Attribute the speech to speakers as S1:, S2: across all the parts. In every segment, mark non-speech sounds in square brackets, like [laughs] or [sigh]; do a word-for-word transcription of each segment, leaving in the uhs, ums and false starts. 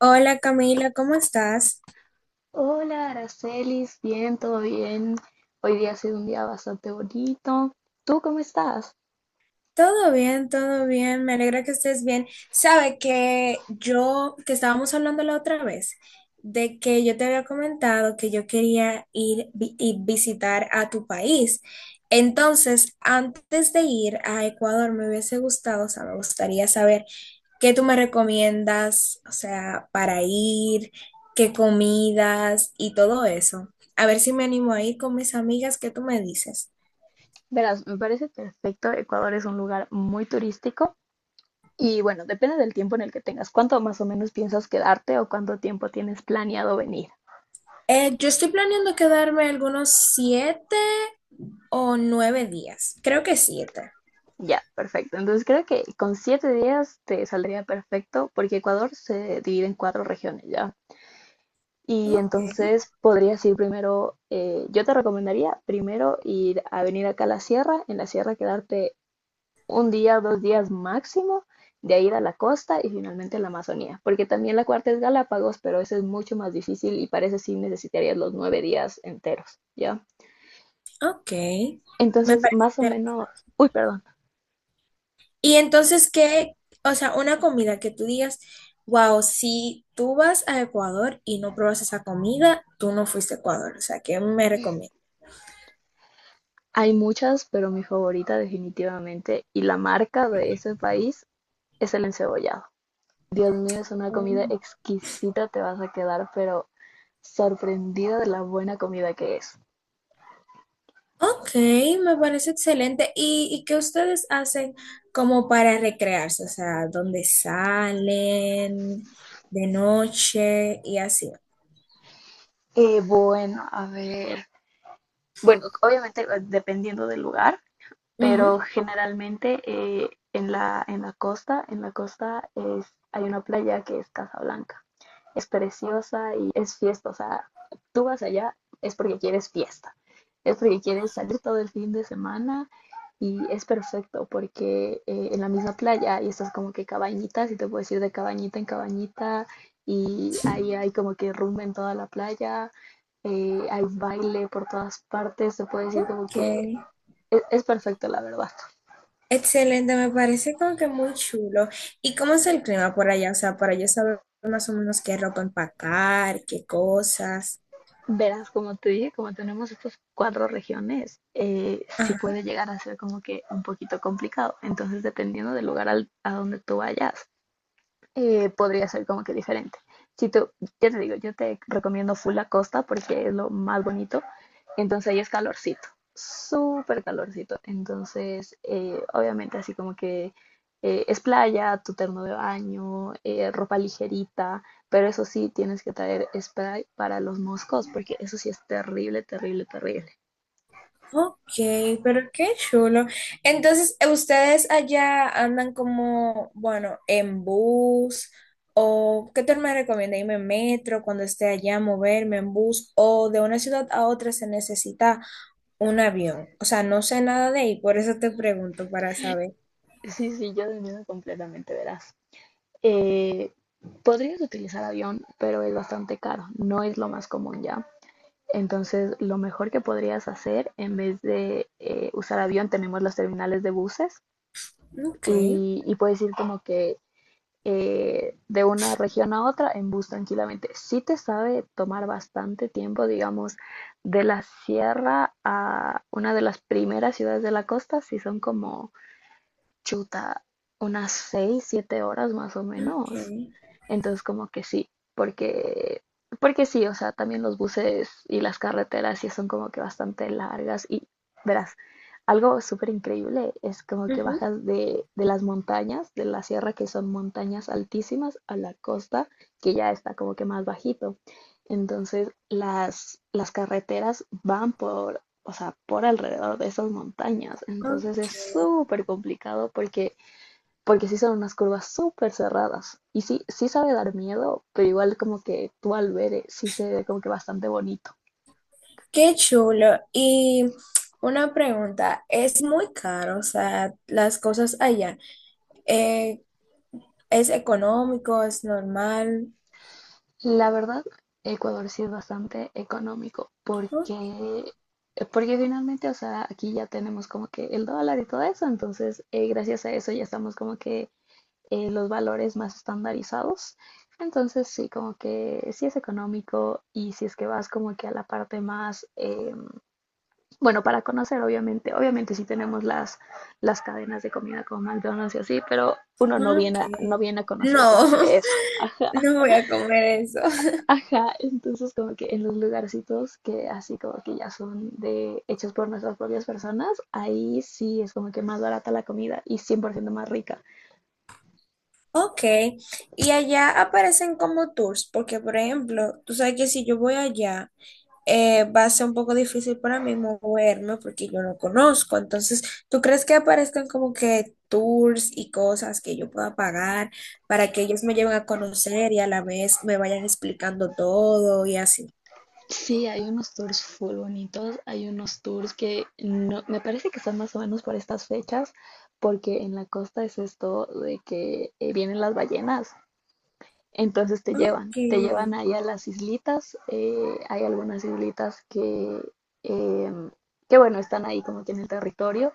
S1: Hola Camila, ¿cómo estás?
S2: Hola, Aracelis, bien, todo bien. Hoy día ha sido un día bastante bonito. ¿Tú cómo estás?
S1: Todo bien, todo bien, me alegra que estés bien. Sabe que yo, que estábamos hablando la otra vez, de que yo te había comentado que yo quería ir vi- y visitar a tu país. Entonces, antes de ir a Ecuador, me hubiese gustado, o sea, me gustaría saber qué tú me recomiendas, o sea, para ir, qué comidas y todo eso. A ver si me animo a ir con mis amigas, ¿qué tú me dices?
S2: Verás, me parece perfecto. Ecuador es un lugar muy turístico y bueno, depende del tiempo en el que tengas. ¿Cuánto más o menos piensas quedarte o cuánto tiempo tienes planeado venir?
S1: Eh, yo estoy planeando quedarme algunos siete o nueve días. Creo que siete.
S2: Ya, perfecto. Entonces creo que con siete días te saldría perfecto porque Ecuador se divide en cuatro regiones ya. Y
S1: Ok,
S2: entonces podrías ir primero, eh, yo te recomendaría primero ir a venir acá a la sierra, en la sierra quedarte un día, dos días máximo, de ahí ir a la costa y finalmente a la Amazonía, porque también la cuarta es Galápagos, pero esa es mucho más difícil y parece sí necesitarías los nueve días enteros, ¿ya?
S1: ok. Me
S2: Entonces,
S1: parece.
S2: más o
S1: Interesante.
S2: menos, uy, perdón,
S1: Y entonces, ¿qué? O sea, una comida que tú digas, wow, si tú vas a Ecuador y no pruebas esa comida, tú no fuiste a Ecuador. O sea, ¿qué me recomiendas?
S2: hay muchas, pero mi favorita definitivamente y la marca de ese país es el encebollado. Dios mío, es una comida
S1: Mm.
S2: exquisita, te vas a quedar, pero sorprendida de la buena comida que es.
S1: Ok, me parece excelente. ¿Y, y qué ustedes hacen como para recrearse? O sea, ¿dónde salen de noche y así?
S2: Eh, bueno, a ver. Bueno, obviamente eh, dependiendo del lugar,
S1: Ujú.
S2: pero generalmente eh, en la, en la costa, en la costa es, hay una playa que es Casablanca. Es preciosa y es fiesta, o sea, tú vas allá es porque quieres fiesta, es porque quieres salir todo el fin de semana y es perfecto porque eh, en la misma playa y estás como que cabañitas y te puedes ir de cabañita en cabañita y ahí hay como que rumba en toda la playa, eh, hay baile por todas partes, te puedes ir como
S1: Ok.
S2: que es, es perfecto, la verdad.
S1: Excelente, me parece como que muy chulo. ¿Y cómo es el clima por allá? O sea, para yo saber más o menos qué ropa empacar, qué cosas.
S2: Verás, como te dije, como tenemos estas cuatro regiones, eh, sí
S1: Ajá.
S2: puede llegar a ser como que un poquito complicado. Entonces, dependiendo del lugar al- a donde tú vayas, eh, podría ser como que diferente. Si tú, ya te digo, yo te recomiendo full la costa porque es lo más bonito. Entonces ahí es calorcito, súper calorcito. Entonces, eh, obviamente así como que eh, es playa, tu terno de baño, eh, ropa ligerita, pero eso sí tienes que traer spray para los moscos porque eso sí es terrible, terrible, terrible. [laughs]
S1: Ok, pero qué chulo. Entonces, ¿ustedes allá andan como, bueno, en bus? ¿O qué te me recomienda? ¿Irme en metro cuando esté allá, moverme en bus? ¿O de una ciudad a otra se necesita un avión? O sea, no sé nada de ahí, por eso te pregunto para saber.
S2: Sí, sí, yo entiendo completamente, verás. Eh, podrías utilizar avión, pero es bastante caro, no es lo más común ya. Entonces, lo mejor que podrías hacer, en vez de eh, usar avión, tenemos los terminales de buses
S1: Ok.
S2: y, y puedes ir como que eh, de una región a otra en bus tranquilamente. Sí te sabe tomar bastante tiempo, digamos, de la sierra a una de las primeras ciudades de la costa, sí son como chuta, unas seis, siete horas más o menos.
S1: Okay.
S2: Entonces, como que sí, porque, porque sí, o sea, también los buses y las carreteras sí son como que bastante largas y verás, algo súper increíble es como que
S1: Ujú.
S2: bajas de, de las montañas, de la sierra, que son montañas altísimas, a la costa, que ya está como que más bajito. Entonces, las, las carreteras van por, o sea, por alrededor de esas montañas. Entonces,
S1: Ok.
S2: es súper complicado porque porque sí son unas curvas súper cerradas. Y sí, sí sabe dar miedo, pero igual como que tú al ver eh, sí se ve como que bastante bonito.
S1: Qué chulo. Y una pregunta, ¿es muy caro? O sea, las cosas allá, eh, ¿es económico? ¿Es normal?
S2: La verdad, Ecuador sí es bastante económico
S1: Oh.
S2: porque, porque finalmente, o sea, aquí ya tenemos como que el dólar y todo eso, entonces eh, gracias a eso ya estamos como que eh, los valores más estandarizados. Entonces sí, como que sí es económico y si es que vas como que a la parte más eh, bueno, para conocer, obviamente, obviamente sí tenemos las, las cadenas de comida como McDonald's y así, pero uno no
S1: Ok.
S2: viene a, no viene a conocer como
S1: No,
S2: que eso.
S1: [laughs] no voy a comer eso.
S2: Ajá, entonces como que en los lugarcitos que así como que ya son de hechos por nuestras propias personas, ahí sí es como que más barata la comida y cien por ciento más rica.
S1: Ok. Y allá aparecen como tours, porque por ejemplo, tú sabes que si yo voy allá, eh, va a ser un poco difícil para mí moverme porque yo no conozco. Entonces, ¿tú crees que aparezcan como que tours y cosas que yo pueda pagar para que ellos me lleven a conocer y a la vez me vayan explicando todo y así?
S2: Sí, hay unos tours full bonitos, hay unos tours que no, me parece que están más o menos por estas fechas, porque en la costa es esto de que eh, vienen las ballenas. Entonces te llevan,
S1: Ok.
S2: te llevan ahí a las islitas. Eh, hay algunas islitas que, em, que, bueno, están ahí como que en el territorio.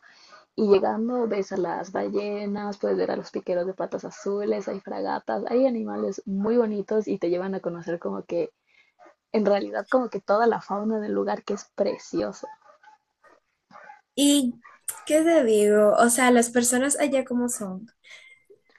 S2: Y llegando ves a las ballenas, puedes ver a los piqueros de patas azules, hay fragatas, hay animales muy bonitos y te llevan a conocer como que, en realidad, como que toda la fauna del lugar que es preciosa.
S1: ¿Y qué te digo? O sea, las personas allá como son,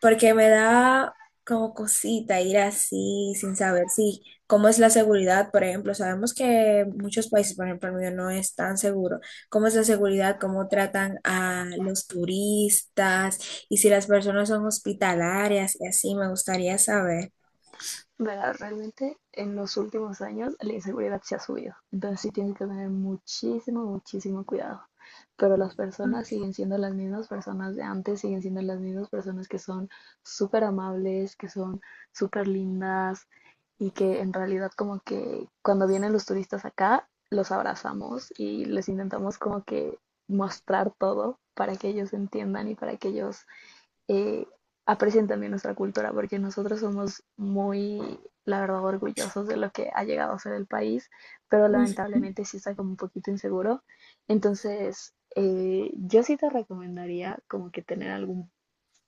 S1: porque me da como cosita ir así sin saber si cómo es la seguridad, por ejemplo, sabemos que muchos países, por ejemplo, el mío no es tan seguro, cómo es la seguridad, cómo tratan a los turistas y si las personas son hospitalarias y así, me gustaría saber.
S2: Verás, realmente en los últimos años la inseguridad se ha subido, entonces sí tienes que tener muchísimo, muchísimo cuidado. Pero las personas
S1: Ok.
S2: siguen siendo las mismas personas de antes, siguen siendo las mismas personas que son súper amables, que son súper lindas y que en realidad como que cuando vienen los turistas acá, los abrazamos y les intentamos como que mostrar todo para que ellos entiendan y para que ellos eh, aprecien también nuestra cultura, porque nosotros somos muy, la verdad, orgullosos de lo que ha llegado a ser el país, pero lamentablemente sí está como un poquito inseguro. Entonces, eh, yo sí te recomendaría como que tener algún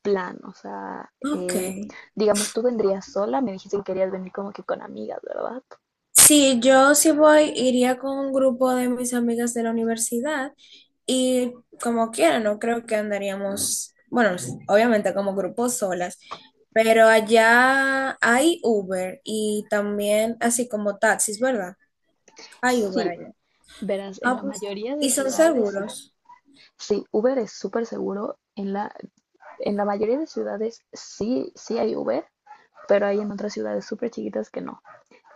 S2: plan, o sea,
S1: Ok.
S2: eh, digamos, tú vendrías sola, me dijiste que querías venir como que con amigas, ¿verdad?
S1: Sí, yo sí voy, iría con un grupo de mis amigas de la universidad y como quiera, no creo que andaríamos, bueno, s- obviamente como grupos solas, pero allá hay Uber y también así como taxis, ¿verdad? Hay Uber
S2: Sí,
S1: allá.
S2: verás, en
S1: Ah,
S2: la
S1: pues,
S2: mayoría de
S1: y son
S2: ciudades sí.
S1: seguros.
S2: Sí, Uber es súper seguro, en la, en la mayoría de ciudades sí, sí hay Uber. Pero hay en otras ciudades súper chiquitas que no.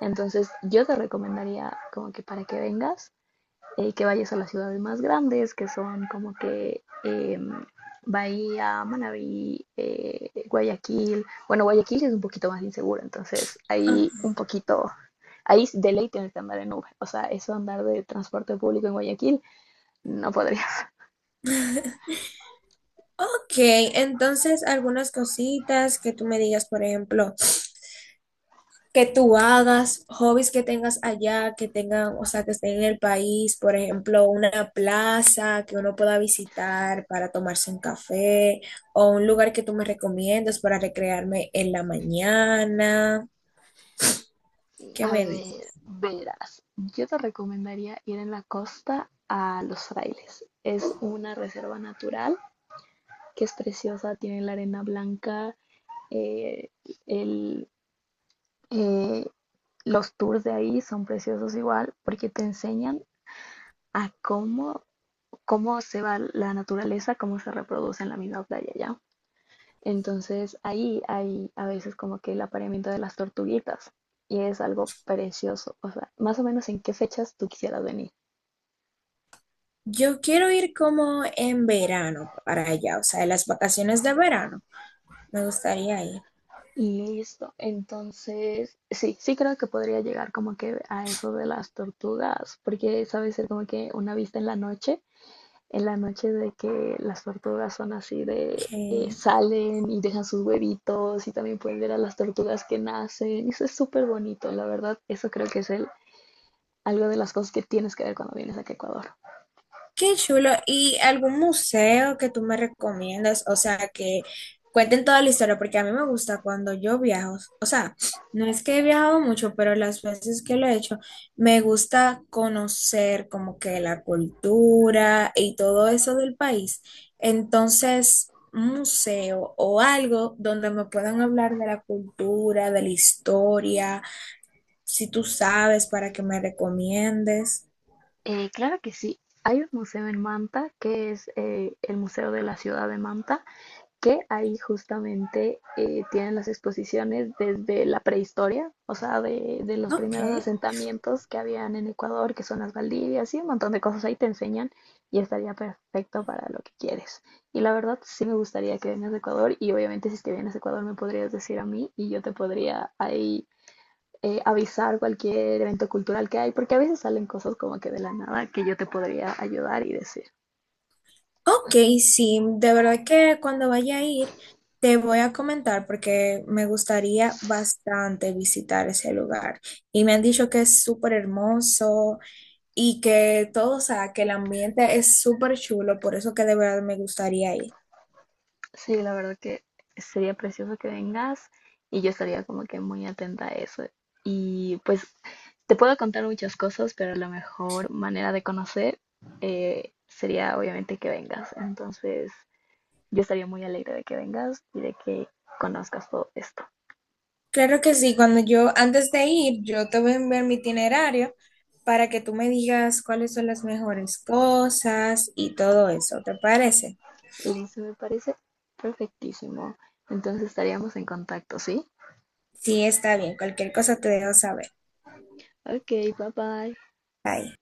S2: Entonces yo te recomendaría como que para que vengas, eh, que vayas a las ciudades más grandes, que son como que eh, Bahía, Manabí, eh, Guayaquil. Bueno, Guayaquil es un poquito más inseguro, entonces
S1: Ah,
S2: ahí un poquito, ahí de ley tienes que andar en Uber. O sea, eso andar de transporte público en Guayaquil no podría.
S1: ok, entonces algunas cositas que tú me digas, por ejemplo. que tú hagas, hobbies que tengas allá, que tengan, o sea, que estén en el país, por ejemplo, una plaza que uno pueda visitar para tomarse un café o un lugar que tú me recomiendas para recrearme en la mañana. ¿Qué
S2: A
S1: me
S2: ver,
S1: dices?
S2: verás, yo te recomendaría ir en la costa a Los Frailes. Es una reserva natural que es preciosa, tiene la arena blanca, eh, el, eh, los tours de ahí son preciosos igual porque te enseñan a cómo, cómo se va la naturaleza, cómo se reproduce en la misma playa ya. Entonces ahí hay a veces como que el apareamiento de las tortuguitas y es algo precioso. O sea, más o menos en qué fechas tú quisieras venir.
S1: Yo quiero ir como en verano para allá, o sea, en las vacaciones de verano. Me gustaría ir.
S2: Y listo. Entonces, sí, sí creo que podría llegar como que a eso de las tortugas, porque sabe ser como que una vista en la noche, en la noche de que las tortugas son así de eh,
S1: ¿Qué,
S2: salen y dejan sus huevitos y también pueden ver a las tortugas que nacen. Eso es súper bonito, la verdad. Eso creo que es el, algo de las cosas que tienes que ver cuando vienes aquí a Ecuador.
S1: Qué chulo. ¿Y algún museo que tú me recomiendas? O sea, que cuenten toda la historia, porque a mí me gusta cuando yo viajo. O sea, no es que he viajado mucho, pero las veces que lo he hecho, me gusta conocer como que la cultura y todo eso del país. Entonces, un museo o algo donde me puedan hablar de la cultura, de la historia, si tú sabes, para que me recomiendes.
S2: Eh, claro que sí. Hay un museo en Manta que es eh, el Museo de la Ciudad de Manta que ahí justamente eh, tienen las exposiciones desde la prehistoria, o sea, de, de los
S1: Ok.
S2: primeros asentamientos que habían en Ecuador, que son las Valdivias y un montón de cosas ahí te enseñan y estaría perfecto para lo que quieres. Y la verdad sí me gustaría que vengas a Ecuador y obviamente si es que vienes a Ecuador me podrías decir a mí y yo te podría ahí eh, avisar cualquier evento cultural que hay, porque a veces salen cosas como que de la nada que yo te podría ayudar y decir.
S1: Ok, sí, de verdad que cuando vaya a ir te voy a comentar porque me gustaría bastante visitar ese lugar. Y me han dicho que es súper hermoso y que todo, o sea, que el ambiente es súper chulo, por eso que de verdad me gustaría ir.
S2: Sí, la verdad que sería precioso que vengas y yo estaría como que muy atenta a eso. Y pues te puedo contar muchas cosas, pero la mejor manera de conocer eh, sería obviamente que vengas. Entonces yo estaría muy alegre de que vengas y de que conozcas todo esto.
S1: Claro que sí, cuando yo, antes de ir, yo te voy a enviar mi itinerario para que tú me digas cuáles son las mejores cosas y todo eso, ¿te parece?
S2: Listo, me parece perfectísimo. Entonces estaríamos en contacto, ¿sí?
S1: Sí, está bien, cualquier cosa te dejo saber.
S2: Ok, bye bye.
S1: Bye.